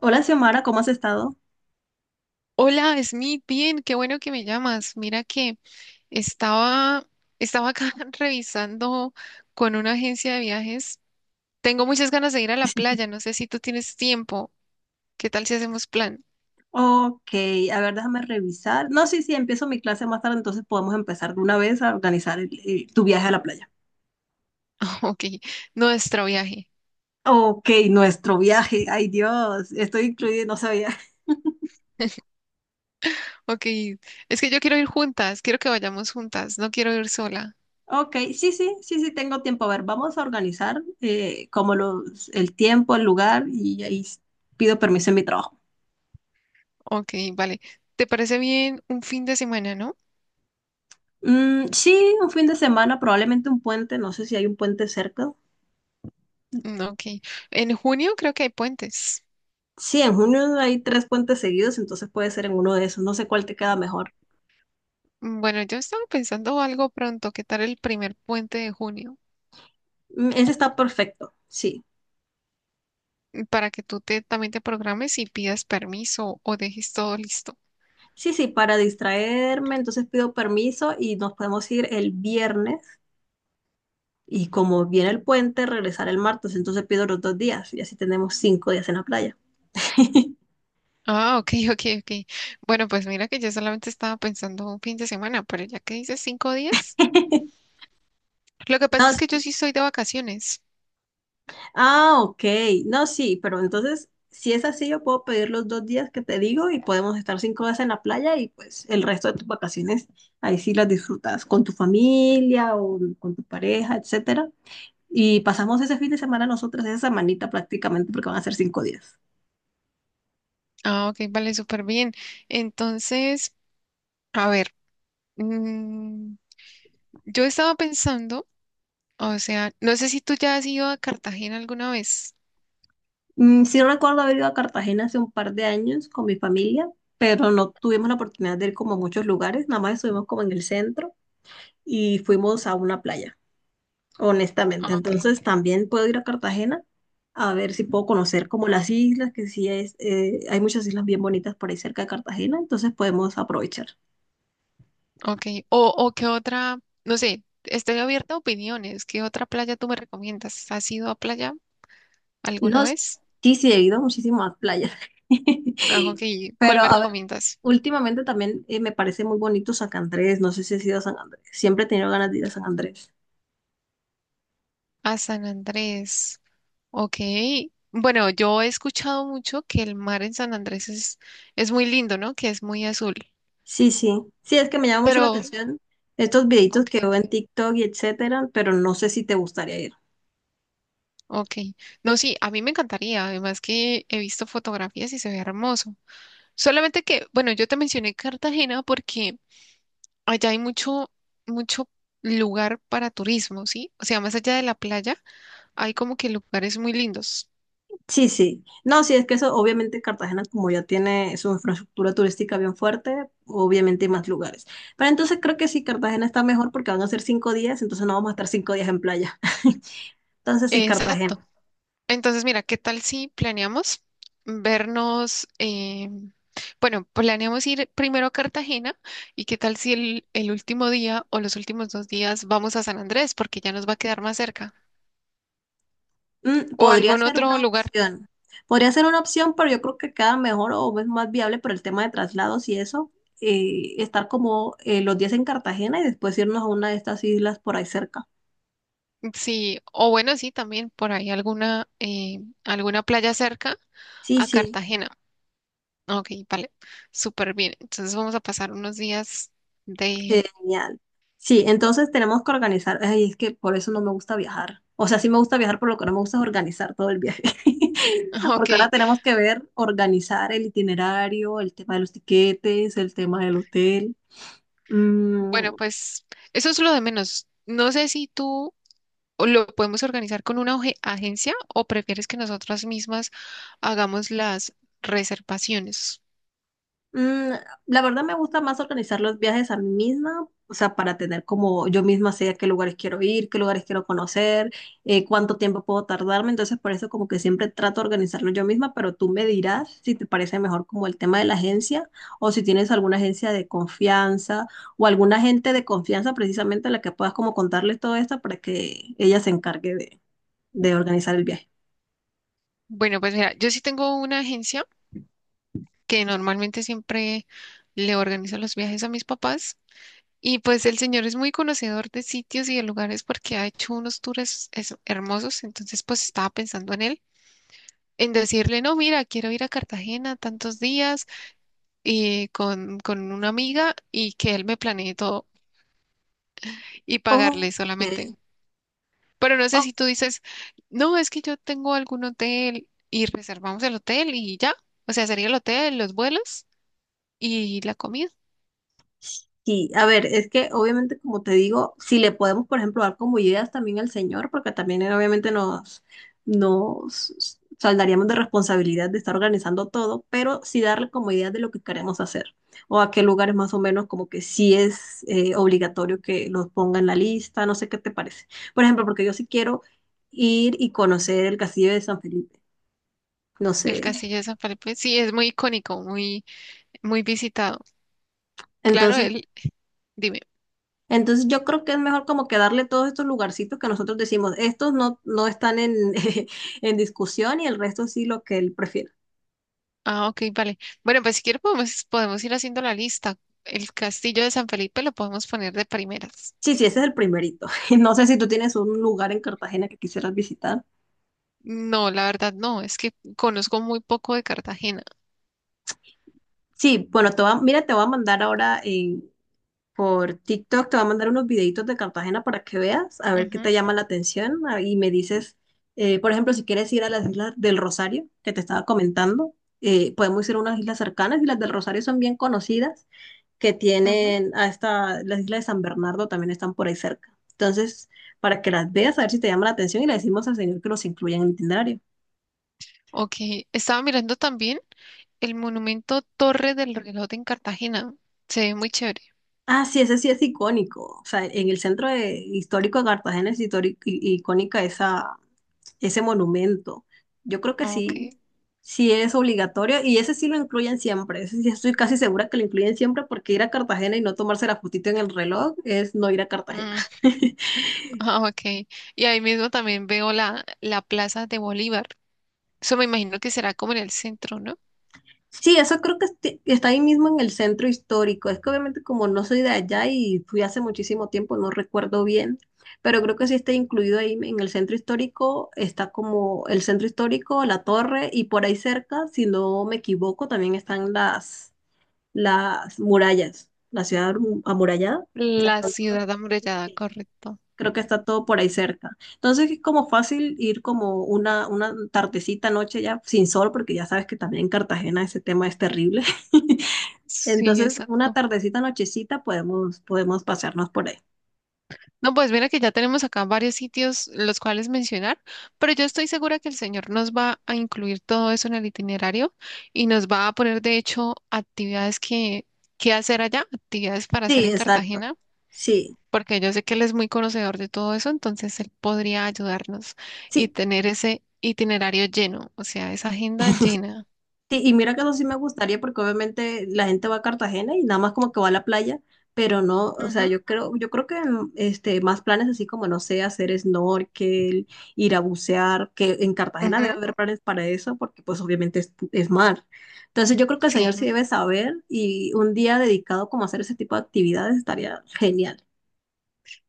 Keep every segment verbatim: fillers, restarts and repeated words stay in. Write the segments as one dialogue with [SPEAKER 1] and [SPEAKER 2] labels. [SPEAKER 1] Hola, Xiomara, ¿cómo has estado?
[SPEAKER 2] Hola, Smith, bien, qué bueno que me llamas. Mira que estaba, estaba acá revisando con una agencia de viajes. Tengo muchas ganas de ir a la playa, no sé si tú tienes tiempo. ¿Qué tal si hacemos plan?
[SPEAKER 1] Ok, a ver, déjame revisar. No, sí, sí, empiezo mi clase más tarde, entonces podemos empezar de una vez a organizar el- el- tu viaje a la playa.
[SPEAKER 2] Ok, nuestro viaje.
[SPEAKER 1] Ok, nuestro viaje, ay Dios, estoy incluida, no sabía.
[SPEAKER 2] Ok, es que yo quiero ir juntas, quiero que vayamos juntas, no quiero ir sola.
[SPEAKER 1] Ok, sí, sí, sí, sí, tengo tiempo. A ver, vamos a organizar eh, como los, el tiempo, el lugar y ahí s- pido permiso en mi trabajo.
[SPEAKER 2] Ok, vale. ¿Te parece bien un fin de semana, no?
[SPEAKER 1] Mm, sí, un fin de semana, probablemente un puente, no sé si hay un puente cerca.
[SPEAKER 2] Mm, Ok, en junio creo que hay puentes.
[SPEAKER 1] Sí, en junio hay tres puentes seguidos, entonces puede ser en uno de esos, no sé cuál te queda mejor.
[SPEAKER 2] Mm, Bueno, yo estaba pensando algo pronto, ¿qué tal el primer puente de junio?
[SPEAKER 1] Mm, ese está perfecto, sí.
[SPEAKER 2] Para que tú te, también te programes y pidas permiso o dejes todo listo.
[SPEAKER 1] Sí, sí, para distraerme, entonces pido permiso y nos podemos ir el viernes. Y como viene el puente, regresar el martes, entonces pido los dos días y así tenemos cinco días en la playa.
[SPEAKER 2] Ah, ok, ok, ok. Bueno, pues mira que yo solamente estaba pensando un fin de semana, pero ya que dices cinco días, lo que
[SPEAKER 1] No,
[SPEAKER 2] pasa es
[SPEAKER 1] s-
[SPEAKER 2] que yo sí estoy de vacaciones.
[SPEAKER 1] ah, ok. No, sí, pero entonces, si es así, yo puedo pedir los dos días que te digo y podemos estar cinco días en la playa y pues el resto de tus vacaciones, ahí sí las disfrutas con tu familia o con tu pareja, etcétera. Y pasamos ese fin de semana nosotras, esa semanita prácticamente, porque van a ser cinco días.
[SPEAKER 2] Ah, ok, vale, súper bien. Entonces, a ver, mm, yo estaba pensando, o sea, no sé si tú ya has ido a Cartagena alguna vez.
[SPEAKER 1] Mm, sí recuerdo haber ido a Cartagena hace un par de años con mi familia, pero no tuvimos la oportunidad de ir como a muchos lugares, nada más estuvimos como en el centro y fuimos a una playa,
[SPEAKER 2] Ah,
[SPEAKER 1] honestamente.
[SPEAKER 2] ok,
[SPEAKER 1] Entonces también puedo ir a Cartagena a ver si puedo conocer como las islas, que sí es, eh, hay muchas islas bien bonitas por ahí cerca de Cartagena, entonces podemos aprovechar.
[SPEAKER 2] ok. O, o qué otra, no sé, estoy abierta a opiniones. ¿Qué otra playa tú me recomiendas? ¿Has ido a playa alguna
[SPEAKER 1] No,
[SPEAKER 2] vez?
[SPEAKER 1] sí, sí, he ido muchísimo a muchísimas playas.
[SPEAKER 2] Ah, ok. ¿Cuál
[SPEAKER 1] Pero,
[SPEAKER 2] me
[SPEAKER 1] a ver,
[SPEAKER 2] recomiendas?
[SPEAKER 1] últimamente también eh, me parece muy bonito San Andrés. No sé si has ido a San Andrés. Siempre he tenido ganas de ir a San Andrés.
[SPEAKER 2] A San Andrés. Ok. Bueno, yo he escuchado mucho que el mar en San Andrés es, es muy lindo, ¿no? Que es muy azul.
[SPEAKER 1] Sí, sí. Sí, es que me llama mucho la
[SPEAKER 2] Pero,
[SPEAKER 1] atención estos videitos que
[SPEAKER 2] ok,
[SPEAKER 1] veo en TikTok y etcétera, pero no sé si te gustaría ir.
[SPEAKER 2] ok. No, sí, a mí me encantaría. Además que he visto fotografías y se ve hermoso. Solamente que, bueno, yo te mencioné Cartagena porque allá hay mucho, mucho lugar para turismo, ¿sí? O sea, más allá de la playa, hay como que lugares muy lindos.
[SPEAKER 1] Sí, sí. No, sí, es que eso, obviamente Cartagena, como ya tiene su infraestructura turística bien fuerte, obviamente hay más lugares. Pero entonces creo que sí, Cartagena está mejor porque van a ser cinco días, entonces no vamos a estar cinco días en playa. Entonces sí,
[SPEAKER 2] Exacto.
[SPEAKER 1] Cartagena.
[SPEAKER 2] Entonces, mira, ¿qué tal si planeamos vernos? Eh, bueno, planeamos ir primero a Cartagena y qué tal si el, el último día o los últimos dos días vamos a San Andrés, porque ya nos va a quedar más cerca,
[SPEAKER 1] Mm,
[SPEAKER 2] o
[SPEAKER 1] podría
[SPEAKER 2] algún
[SPEAKER 1] ser
[SPEAKER 2] otro
[SPEAKER 1] una
[SPEAKER 2] lugar.
[SPEAKER 1] opción. Podría ser una opción, pero yo creo que queda mejor o es más viable por el tema de traslados y eso, eh, estar como eh, los días en Cartagena y después irnos a una de estas islas por ahí cerca.
[SPEAKER 2] Sí, o bueno, sí, también por ahí alguna, eh, alguna playa cerca
[SPEAKER 1] Sí,
[SPEAKER 2] a
[SPEAKER 1] sí.
[SPEAKER 2] Cartagena. Ok, vale, súper bien. Entonces vamos a pasar unos días de...
[SPEAKER 1] Genial. Sí, entonces tenemos que organizar. Ay, es que por eso no me gusta viajar. O sea, sí me gusta viajar, por lo que no me gusta es organizar todo el viaje. Porque ahora
[SPEAKER 2] Ok,
[SPEAKER 1] tenemos que ver, organizar el itinerario, el tema de los tiquetes, el tema del hotel.
[SPEAKER 2] bueno,
[SPEAKER 1] Mm,
[SPEAKER 2] pues eso es lo de menos. No sé si tú... ¿O lo podemos organizar con una oje- agencia o prefieres que nosotras mismas hagamos las reservaciones?
[SPEAKER 1] Mm, la verdad me gusta más organizar los viajes a mí misma, o sea, para tener como yo misma sé a qué lugares quiero ir, qué lugares quiero conocer, eh, cuánto tiempo puedo tardarme, entonces por eso como que siempre trato de organizarlo yo misma, pero tú me dirás si te parece mejor como el tema de la agencia o si tienes alguna agencia de confianza o alguna agente de confianza precisamente a la que puedas como contarles todo esto para que ella se encargue de, de organizar el viaje.
[SPEAKER 2] Bueno, pues mira, yo sí tengo una agencia que normalmente siempre le organizo los viajes a mis papás y pues el señor es muy conocedor de sitios y de lugares porque ha hecho unos tours es- hermosos, entonces pues estaba pensando en él, en decirle, no, mira, quiero ir a Cartagena tantos días y con, con una amiga y que él me planee todo y
[SPEAKER 1] Ok,
[SPEAKER 2] pagarle solamente. Pero no sé
[SPEAKER 1] ok,
[SPEAKER 2] si tú dices, no, es que yo tengo algún hotel y reservamos el hotel y ya. O sea, sería el hotel, los vuelos y la comida.
[SPEAKER 1] sí, a ver, es que obviamente, como te digo, si le podemos, por ejemplo, dar como ideas también al señor, porque también él obviamente nos, nos saldaríamos de responsabilidad de estar organizando todo, pero sí darle como ideas de lo que queremos hacer o a qué lugares más o menos como que sí es eh, obligatorio que los ponga en la lista, no sé qué te parece. Por ejemplo, porque yo sí quiero ir y conocer el Castillo de San Felipe, no
[SPEAKER 2] El
[SPEAKER 1] sé.
[SPEAKER 2] Castillo de San Felipe, sí, es muy icónico, muy, muy visitado. Claro,
[SPEAKER 1] Entonces
[SPEAKER 2] él, dime.
[SPEAKER 1] Entonces yo creo que es mejor como que darle todos estos lugarcitos que nosotros decimos, estos no, no están en, en discusión y el resto sí lo que él prefiera.
[SPEAKER 2] Ah, ok, vale. Bueno, pues si quieres podemos, podemos ir haciendo la lista. El Castillo de San Felipe lo podemos poner de primeras.
[SPEAKER 1] Sí, sí, ese es el primerito. No sé si tú tienes un lugar en Cartagena que quisieras visitar.
[SPEAKER 2] No, la verdad no, es que conozco muy poco de Cartagena.
[SPEAKER 1] Sí, bueno, te va, mira, te voy a mandar ahora eh, por TikTok, te voy a mandar unos videitos de Cartagena para que veas, a ver qué
[SPEAKER 2] Ujú,
[SPEAKER 1] te llama la atención, ah, y me dices, eh, por ejemplo, si quieres ir a las islas del Rosario, que te estaba comentando, eh, podemos ir a unas islas cercanas y las del Rosario son bien conocidas. Que
[SPEAKER 2] ujú.
[SPEAKER 1] tienen a esta las islas de San Bernardo también están por ahí cerca. Entonces, para que las veas, a ver si te llama la atención y le decimos al señor que los incluya en el itinerario.
[SPEAKER 2] Ok, estaba mirando también el monumento Torre del Reloj en Cartagena. Se ve muy chévere.
[SPEAKER 1] Ah, sí, ese sí es icónico. O sea, en el centro de- histórico de Cartagena es histórico, icónica esa, ese monumento. Yo creo que
[SPEAKER 2] Ok.
[SPEAKER 1] sí, sí es obligatorio y ese sí lo incluyen siempre. Ese sí estoy casi segura que lo incluyen siempre porque ir a Cartagena y no tomarse la fotito en el reloj es no ir a Cartagena.
[SPEAKER 2] Mm, ah, ok. Y ahí mismo también veo la, la Plaza de Bolívar. Eso me imagino que será como en el centro, ¿no?
[SPEAKER 1] Sí, eso creo que esti- está ahí mismo en el centro histórico. Es que obviamente como no soy de allá y fui hace muchísimo tiempo, no recuerdo bien, pero creo que sí está incluido ahí en el centro histórico. Está como el centro histórico, la torre y por ahí cerca, si no me equivoco, también están las, las, murallas, la ciudad amu- amurallada. Las
[SPEAKER 2] La
[SPEAKER 1] tantas-
[SPEAKER 2] ciudad amurallada, correcto.
[SPEAKER 1] Creo que está todo por ahí cerca. Entonces es como fácil ir como una, una tardecita, noche ya sin sol, porque ya sabes que también en Cartagena ese tema es terrible.
[SPEAKER 2] Sí,
[SPEAKER 1] Entonces una
[SPEAKER 2] exacto.
[SPEAKER 1] tardecita, nochecita podemos, podemos pasearnos por ahí.
[SPEAKER 2] No, pues mira que ya tenemos acá varios sitios los cuales mencionar, pero yo estoy segura que el señor nos va a incluir todo eso en el itinerario y nos va a poner, de hecho, actividades que, que hacer allá, actividades para hacer
[SPEAKER 1] Sí,
[SPEAKER 2] en
[SPEAKER 1] exacto.
[SPEAKER 2] Cartagena.
[SPEAKER 1] Sí,
[SPEAKER 2] Porque yo sé que él es muy conocedor de todo eso, entonces él podría ayudarnos y
[SPEAKER 1] sí.
[SPEAKER 2] tener ese itinerario lleno, o sea, esa agenda llena.
[SPEAKER 1] Sí, y mira que eso sí me gustaría porque obviamente la gente va a Cartagena y nada más como que va a la playa, pero no, o
[SPEAKER 2] Ujú,
[SPEAKER 1] sea, yo creo, yo creo que mm, este, más planes así como, no sé, hacer snorkel, ir a bucear, que en Cartagena debe
[SPEAKER 2] ujú.
[SPEAKER 1] haber planes para eso porque pues obviamente es, es mar. Entonces yo creo que el señor
[SPEAKER 2] Sí,
[SPEAKER 1] sí debe saber y un día dedicado como a hacer ese tipo de actividades estaría genial.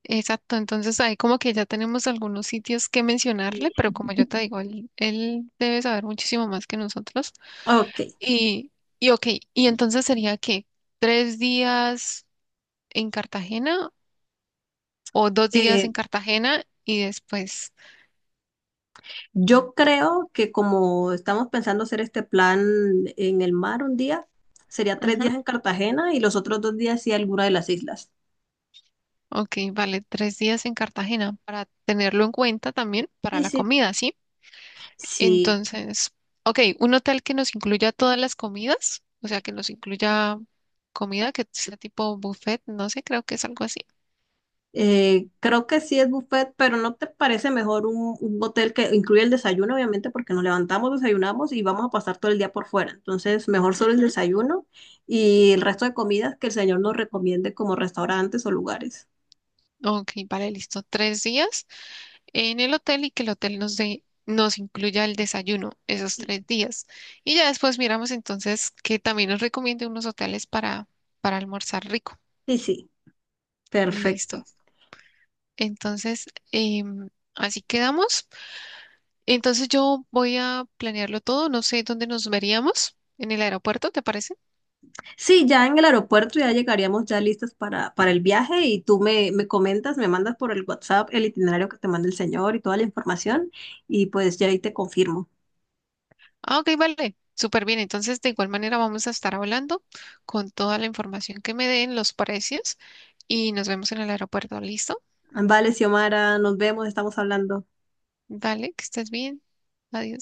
[SPEAKER 2] exacto. Entonces ahí como que ya tenemos algunos sitios que
[SPEAKER 1] Sí.
[SPEAKER 2] mencionarle, pero como yo te digo, él, él debe saber muchísimo más que nosotros.
[SPEAKER 1] Ok,
[SPEAKER 2] Y, y ok, y entonces sería que tres días en Cartagena o dos días
[SPEAKER 1] eh,
[SPEAKER 2] en Cartagena y después.
[SPEAKER 1] yo creo que como estamos pensando hacer este plan en el mar un día, sería tres días en Cartagena y los otros dos días sí alguna de las islas.
[SPEAKER 2] Ok, vale, tres días en Cartagena para tenerlo en cuenta también para
[SPEAKER 1] Y
[SPEAKER 2] la
[SPEAKER 1] sí,
[SPEAKER 2] comida, ¿sí?
[SPEAKER 1] sí,
[SPEAKER 2] Entonces, ok, un hotel que nos incluya todas las comidas, o sea, que nos incluya comida que sea tipo buffet, no sé, creo que es algo así.
[SPEAKER 1] eh, creo que sí es buffet, pero ¿no te parece mejor un, un, hotel que incluya el desayuno, obviamente, porque nos levantamos, desayunamos y vamos a pasar todo el día por fuera? Entonces, mejor solo el
[SPEAKER 2] Ujú.
[SPEAKER 1] desayuno y el resto de comidas que el señor nos recomiende como restaurantes o lugares.
[SPEAKER 2] Ok, vale, listo, tres días en el hotel y que el hotel nos dé, nos incluya el desayuno esos
[SPEAKER 1] Sí,
[SPEAKER 2] tres días. Y ya después miramos entonces que también nos recomiende unos hoteles para, para almorzar rico.
[SPEAKER 1] sí, sí, perfecto.
[SPEAKER 2] Listo. Entonces, em, así quedamos. Entonces yo voy a planearlo todo. No sé dónde nos veríamos. En el aeropuerto, ¿te parece?
[SPEAKER 1] Sí, ya en el aeropuerto ya llegaríamos ya listas para, para, el viaje y tú me, me comentas, me mandas por el WhatsApp el itinerario que te manda el señor y toda la información y pues ya ahí te confirmo.
[SPEAKER 2] Ah, ok, vale. Súper bien. Entonces, de igual manera vamos a estar hablando con toda la información que me den, los precios, y nos vemos en el aeropuerto. ¿Listo?
[SPEAKER 1] Vale, Xiomara, nos vemos, estamos hablando.
[SPEAKER 2] Dale, que estés bien. Adiós.